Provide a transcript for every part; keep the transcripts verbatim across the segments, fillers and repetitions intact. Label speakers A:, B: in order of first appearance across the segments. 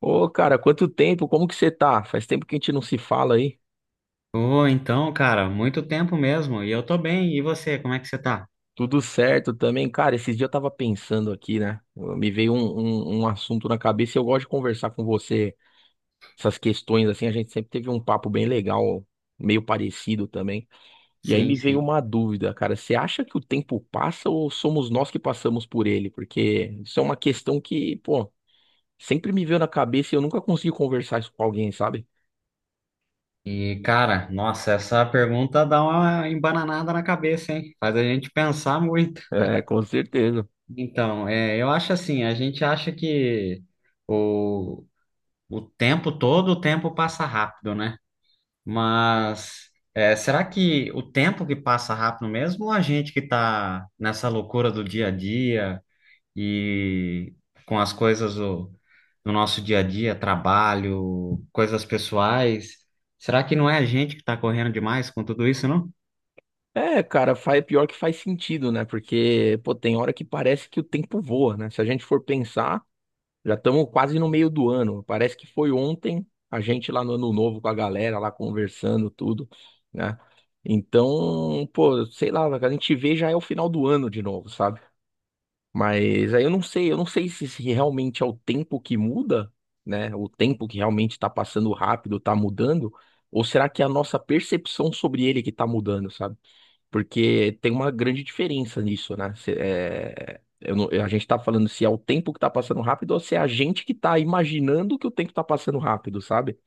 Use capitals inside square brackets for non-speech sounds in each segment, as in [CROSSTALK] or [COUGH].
A: Ô, cara, quanto tempo? Como que você tá? Faz tempo que a gente não se fala aí.
B: Ô, então, cara, muito tempo mesmo. E eu tô bem. E você, como é que você tá?
A: Tudo certo também. Cara, esses dias eu tava pensando aqui, né? Me veio um, um, um assunto na cabeça e eu gosto de conversar com você essas questões, assim. A gente sempre teve um papo bem legal, meio parecido também. E aí
B: Sim,
A: me veio
B: sim.
A: uma dúvida, cara. Você acha que o tempo passa ou somos nós que passamos por ele? Porque isso é uma questão que, pô, sempre me veio na cabeça e eu nunca consegui conversar isso com alguém, sabe?
B: E, cara, nossa, essa pergunta dá uma embananada na cabeça, hein? Faz a gente pensar muito.
A: É, com certeza.
B: Então, é, eu acho assim, a gente acha que o, o tempo todo, o tempo passa rápido, né? Mas é, será que o tempo que passa rápido mesmo, ou a gente que tá nessa loucura do dia a dia? E com as coisas do, do nosso dia a dia, trabalho, coisas pessoais. Será que não é a gente que está correndo demais com tudo isso, não?
A: É, cara, faz, pior que faz sentido, né? Porque, pô, tem hora que parece que o tempo voa, né? Se a gente for pensar, já estamos quase no meio do ano. Parece que foi ontem a gente lá no Ano Novo com a galera lá conversando, tudo, né? Então, pô, sei lá, a gente vê já é o final do ano de novo, sabe? Mas aí eu não sei, eu não sei se, se realmente é o tempo que muda, né? O tempo que realmente está passando rápido, tá mudando, ou será que é a nossa percepção sobre ele que tá mudando, sabe? Porque tem uma grande diferença nisso, né? Cê- é, eu não- a gente tá falando se é o tempo que tá passando rápido ou se é a gente que tá imaginando que o tempo tá passando rápido, sabe?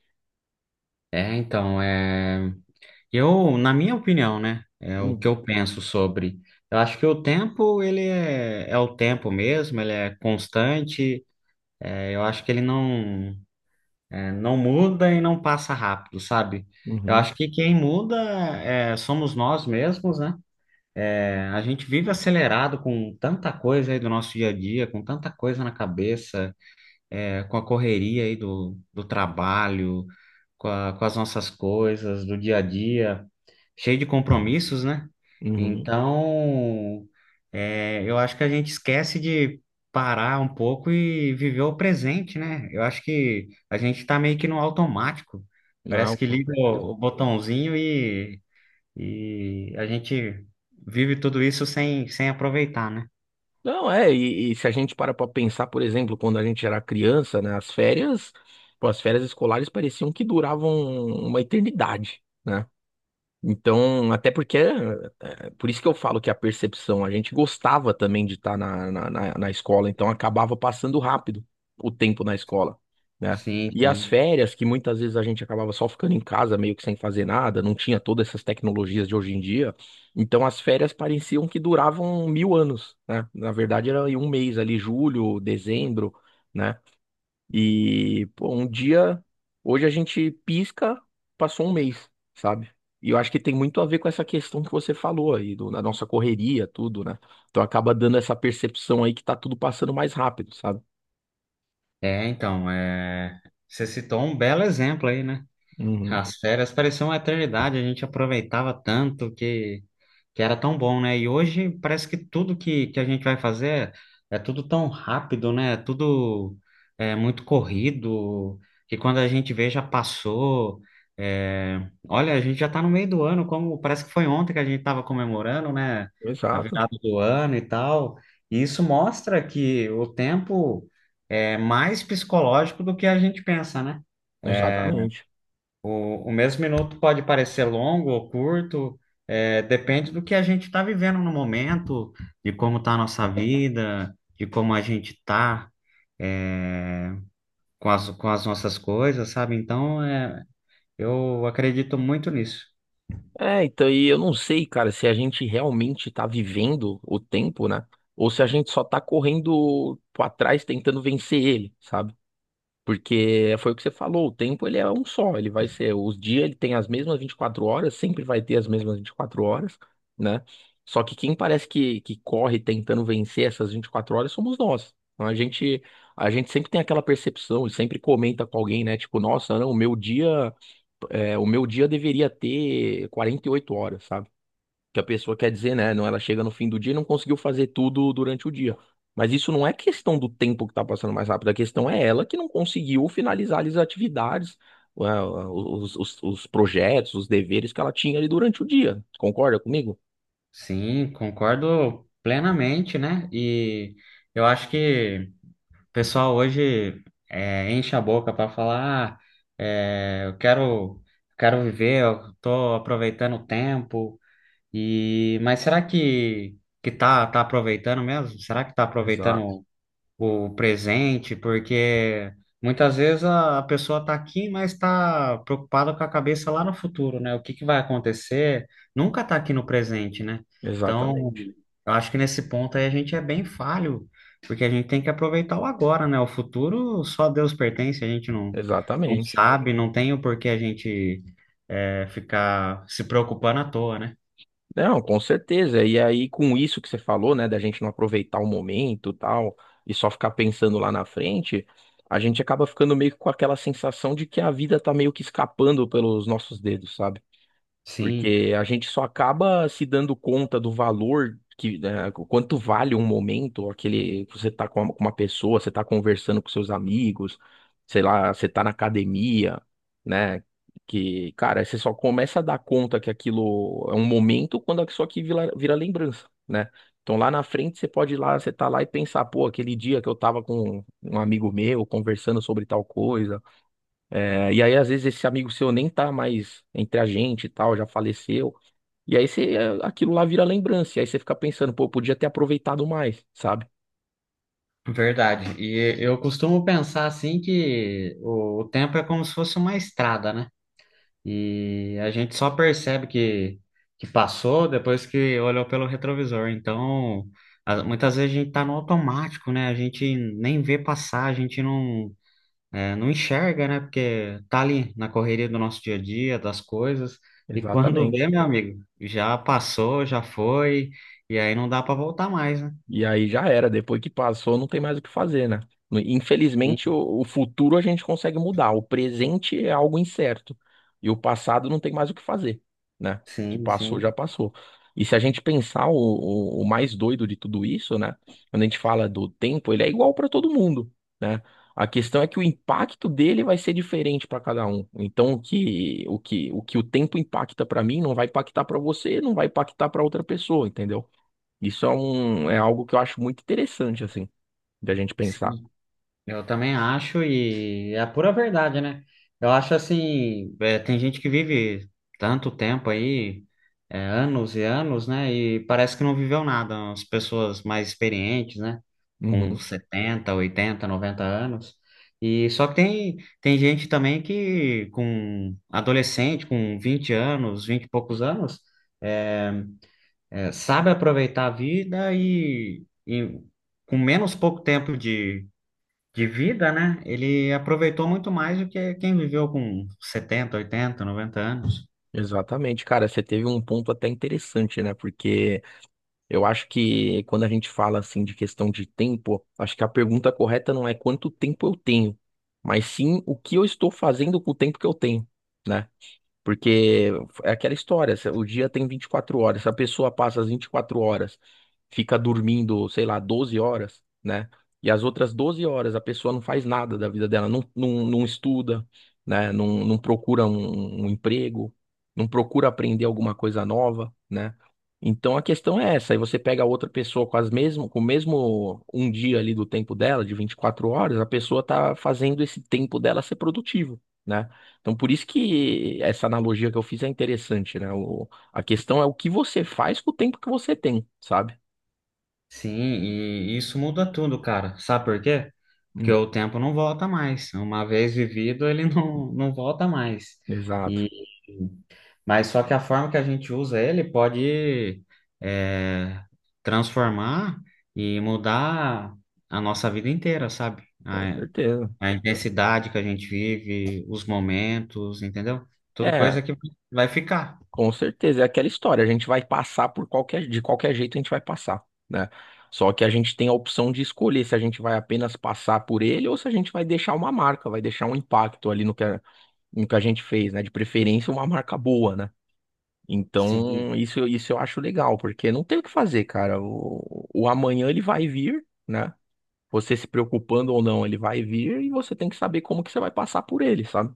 B: É, então, é... eu, na minha opinião, né, é o
A: Hum.
B: que eu penso sobre. Eu acho que o tempo, ele é, é o tempo mesmo, ele é constante, é, eu acho que ele não, é, não muda e não passa rápido, sabe? Eu
A: Uhum,
B: acho que quem muda é, somos nós mesmos, né? É, a gente vive acelerado com tanta coisa aí do nosso dia a dia, com tanta coisa na cabeça, é, com a correria aí do, do trabalho, com a- com as nossas coisas do dia a dia, cheio de compromissos, né?
A: uhum.
B: Então, é, eu acho que a gente esquece de parar um pouco e viver o presente, né? Eu acho que a gente tá meio que no automático. Parece
A: Não,
B: que
A: com
B: liga
A: certeza.
B: o o botãozinho e a gente vive tudo isso sem, sem aproveitar, né?
A: Não, é, e, e se a gente para pra pensar, por exemplo, quando a gente era criança, né? As férias, pô, as férias escolares pareciam que duravam uma eternidade, né? Então, até porque, é, por isso que eu falo que a percepção, a gente gostava também de estar na, na, na, na escola, então acabava passando rápido o tempo na escola, né?
B: Sim,
A: E as
B: sim.
A: férias, que muitas vezes a gente acabava só ficando em casa, meio que sem fazer nada, não tinha todas essas tecnologias de hoje em dia, então as férias pareciam que duravam mil anos, né? Na verdade era em um mês ali, julho, dezembro, né? E, pô, um dia, hoje a gente pisca, passou um mês, sabe? E eu acho que tem muito a ver com essa questão que você falou aí, do, na nossa correria, tudo, né? Então acaba dando essa percepção aí que tá tudo passando mais rápido, sabe?
B: É, então, é... Você citou um belo exemplo aí, né?
A: Uhum.
B: As férias pareciam uma eternidade, a gente aproveitava tanto que, que era tão bom, né? E hoje parece que tudo que, que a gente vai fazer é é tudo tão rápido, né? É tudo é muito corrido, que quando a gente vê já passou. É, olha, a gente já tá no meio do ano, como parece que foi ontem que a gente estava comemorando, né? A
A: Exato,
B: virada do ano e tal. E isso mostra que o tempo é mais psicológico do que a gente pensa, né?
A: exatamente.
B: O, o mesmo minuto pode parecer longo ou curto, é, depende do que a gente está vivendo no momento, de como está a nossa vida, de como a gente está, com as, com as nossas coisas, sabe? Então, é, eu acredito muito nisso.
A: É, então, e eu não sei, cara, se a gente realmente tá vivendo o tempo, né? Ou se a gente só tá correndo pra trás tentando vencer ele, sabe? Porque foi o que você falou, o tempo ele é um só, ele vai ser, os dias ele tem as mesmas vinte e quatro horas, sempre vai ter as mesmas vinte e quatro horas, né? Só que quem parece que, que corre tentando vencer essas vinte e quatro horas somos nós. Então, a gente, a gente sempre tem aquela percepção e sempre comenta com alguém, né? Tipo, nossa, não, o meu dia, é, o meu dia deveria ter quarenta e oito horas, sabe? Que a pessoa quer dizer, né? Não, ela chega no fim do dia e não conseguiu fazer tudo durante o dia. Mas isso não é questão do tempo que tá passando mais rápido, a questão é ela que não conseguiu finalizar as atividades, ah, os, os, os projetos, os deveres que ela tinha ali durante o dia. Concorda comigo?
B: Sim, concordo plenamente, né? E eu acho que o pessoal hoje é, enche a boca para falar, ah, é, eu quero, quero viver, eu tô aproveitando o tempo. E mas será que que tá tá aproveitando mesmo? Será que tá
A: Exato,
B: aproveitando o, o presente? Porque muitas vezes a, a pessoa tá aqui, mas tá preocupada com a cabeça lá no futuro, né? O que que vai acontecer? Nunca tá aqui no presente, né? Então,
A: exatamente,
B: eu acho que nesse ponto aí a gente é bem falho, porque a gente tem que aproveitar o agora, né? O futuro só Deus pertence, a gente não não
A: exatamente.
B: sabe, não tem o porquê a gente é, ficar se preocupando à toa, né?
A: Não, com certeza. E aí, com isso que você falou, né, da gente não aproveitar o momento, tal, e só ficar pensando lá na frente, a gente acaba ficando meio que com aquela sensação de que a vida tá meio que escapando pelos nossos dedos, sabe?
B: Sim.
A: Porque a gente só acaba se dando conta do valor que, né, o quanto vale um momento, aquele que você tá com uma, com uma pessoa, você tá conversando com seus amigos, sei lá, você tá na academia, né? Que, cara, você só começa a dar conta que aquilo é um momento quando isso aqui vira, vira lembrança, né? Então lá na frente você pode ir lá, você tá lá e pensar, pô, aquele dia que eu tava com um amigo meu conversando sobre tal coisa. É, e aí às vezes esse amigo seu nem tá mais entre a gente e tal, já faleceu. E aí você, eh, aquilo lá vira lembrança. E aí você fica pensando, pô, eu podia ter aproveitado mais, sabe?
B: Verdade. E eu costumo pensar assim que o, o tempo é como se fosse uma estrada, né? E a gente só percebe que, que passou depois que olhou pelo retrovisor. Então, a- muitas vezes a gente tá no automático, né? A gente nem vê passar, a gente não, é, não enxerga, né? Porque tá ali na correria do nosso dia a dia, das coisas. E quando vê,
A: Exatamente.
B: meu amigo, já passou, já foi, e aí não dá para voltar mais, né?
A: E aí já era, depois que passou, não tem mais o que fazer, né?
B: Sim,
A: Infelizmente, o, o futuro a gente consegue mudar, o presente é algo incerto. E o passado não tem mais o que fazer, né? O que
B: sim.
A: passou,
B: Sim.
A: já passou. E se a gente pensar o, o, o mais doido de tudo isso, né? Quando a gente fala do tempo, ele é igual para todo mundo, né? A questão é que o impacto dele vai ser diferente para cada um. Então, o que o que o que o tempo impacta para mim não vai impactar para você, não vai impactar para outra pessoa, entendeu? Isso é, um, é algo que eu acho muito interessante, assim, da gente pensar.
B: Sim. Eu também acho, e é a pura verdade, né? Eu acho assim, é, tem gente que vive tanto tempo aí, é, anos e anos, né? E parece que não viveu nada. As pessoas mais experientes, né? Com
A: Uhum.
B: setenta, oitenta, noventa anos. E só que tem, tem gente também que com adolescente, com vinte anos, vinte e poucos anos, é, é, sabe aproveitar a vida e e com menos pouco tempo de de vida, né? Ele aproveitou muito mais do que quem viveu com setenta, oitenta, noventa anos.
A: Exatamente, cara, você teve um ponto até interessante, né? Porque eu acho que quando a gente fala assim de questão de tempo, acho que a pergunta correta não é quanto tempo eu tenho, mas sim o que eu estou fazendo com o tempo que eu tenho, né? Porque é aquela história, se- o dia tem vinte e quatro horas, se a pessoa passa as vinte e quatro horas, fica dormindo, sei lá, doze horas, né? E as outras doze horas a pessoa não faz nada da vida dela, não, não, não estuda, né? Não, não procura um, um emprego, não procura aprender alguma coisa nova, né? Então a questão é essa, aí você pega outra pessoa com as mesmo, com o mesmo um dia ali do tempo dela, de vinte e quatro horas, a pessoa tá fazendo esse tempo dela ser produtivo, né? Então, por isso que essa analogia que eu fiz é interessante, né? O, a questão é o que você faz com o tempo que você tem, sabe?
B: Sim, e isso muda tudo, cara. Sabe por quê? Porque
A: Hum,
B: o tempo não volta mais. Uma vez vivido, ele [LAUGHS] não, não volta mais.
A: exato,
B: E mas só que a forma que a gente usa ele pode é, transformar e mudar a nossa vida inteira, sabe?
A: com
B: A
A: certeza.
B: a intensidade que a gente vive, os momentos, entendeu? Tudo
A: É,
B: coisa que vai ficar.
A: com certeza. É aquela história. A gente vai passar por qualquer, de qualquer jeito a gente vai passar, né? Só que a gente tem a opção de escolher se a gente vai apenas passar por ele ou se a gente vai deixar uma marca, vai deixar um impacto ali no que a, no que a gente fez, né? De preferência, uma marca boa, né?
B: Sim,
A: Então, isso, isso eu acho legal, porque não tem o que fazer, cara. O, o amanhã ele vai vir, né? Você se preocupando ou não, ele vai vir e você tem que saber como que você vai passar por ele, sabe?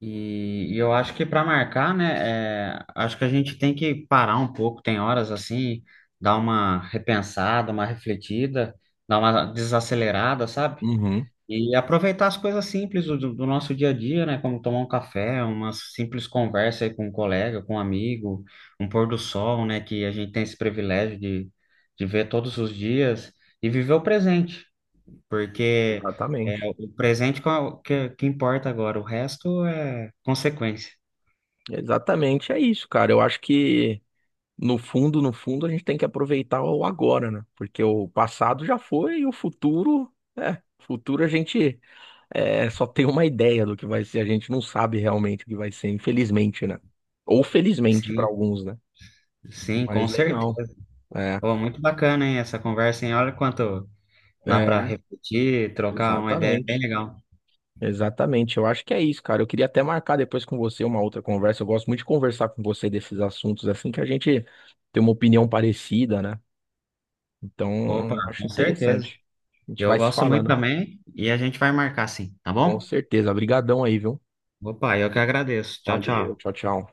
B: e, e eu acho que para marcar, né, é, acho que a gente tem que parar um pouco, tem horas assim, dar uma repensada, uma refletida, dar uma desacelerada, sabe?
A: Uhum.
B: E aproveitar as coisas simples do, do nosso dia a dia, né, como tomar um café, uma simples conversa aí com um colega, com um amigo, um pôr do sol, né, que a gente tem esse privilégio de, de ver todos os dias e viver o presente. Porque é
A: Exatamente.
B: o presente qual- que, que importa agora, o resto é consequência.
A: Exatamente, é isso, cara. Eu acho que no fundo, no fundo, a gente tem que aproveitar o agora, né? Porque o passado já foi e o futuro, é, futuro a gente é, só tem uma ideia do que vai ser, a gente não sabe realmente o que vai ser, infelizmente, né? Ou felizmente para
B: Sim,
A: alguns, né?
B: sim, com
A: Mas legal.
B: certeza.
A: É,
B: Pô, muito bacana, hein, essa conversa, hein? Olha quanto dá para
A: é,
B: refletir, trocar uma ideia bem
A: exatamente.
B: legal.
A: Exatamente. Eu acho que é isso, cara. Eu queria até marcar depois com você uma outra conversa. Eu gosto muito de conversar com você desses assuntos, assim que a gente tem uma opinião parecida, né?
B: Opa,
A: Então, acho
B: com certeza.
A: interessante. A gente
B: Eu
A: vai se
B: gosto muito
A: falando.
B: também e a gente vai marcar sim, tá
A: Com
B: bom?
A: certeza. Obrigadão aí, viu?
B: Opa, eu que agradeço. Tchau,
A: Valeu.
B: tchau.
A: Tchau, tchau.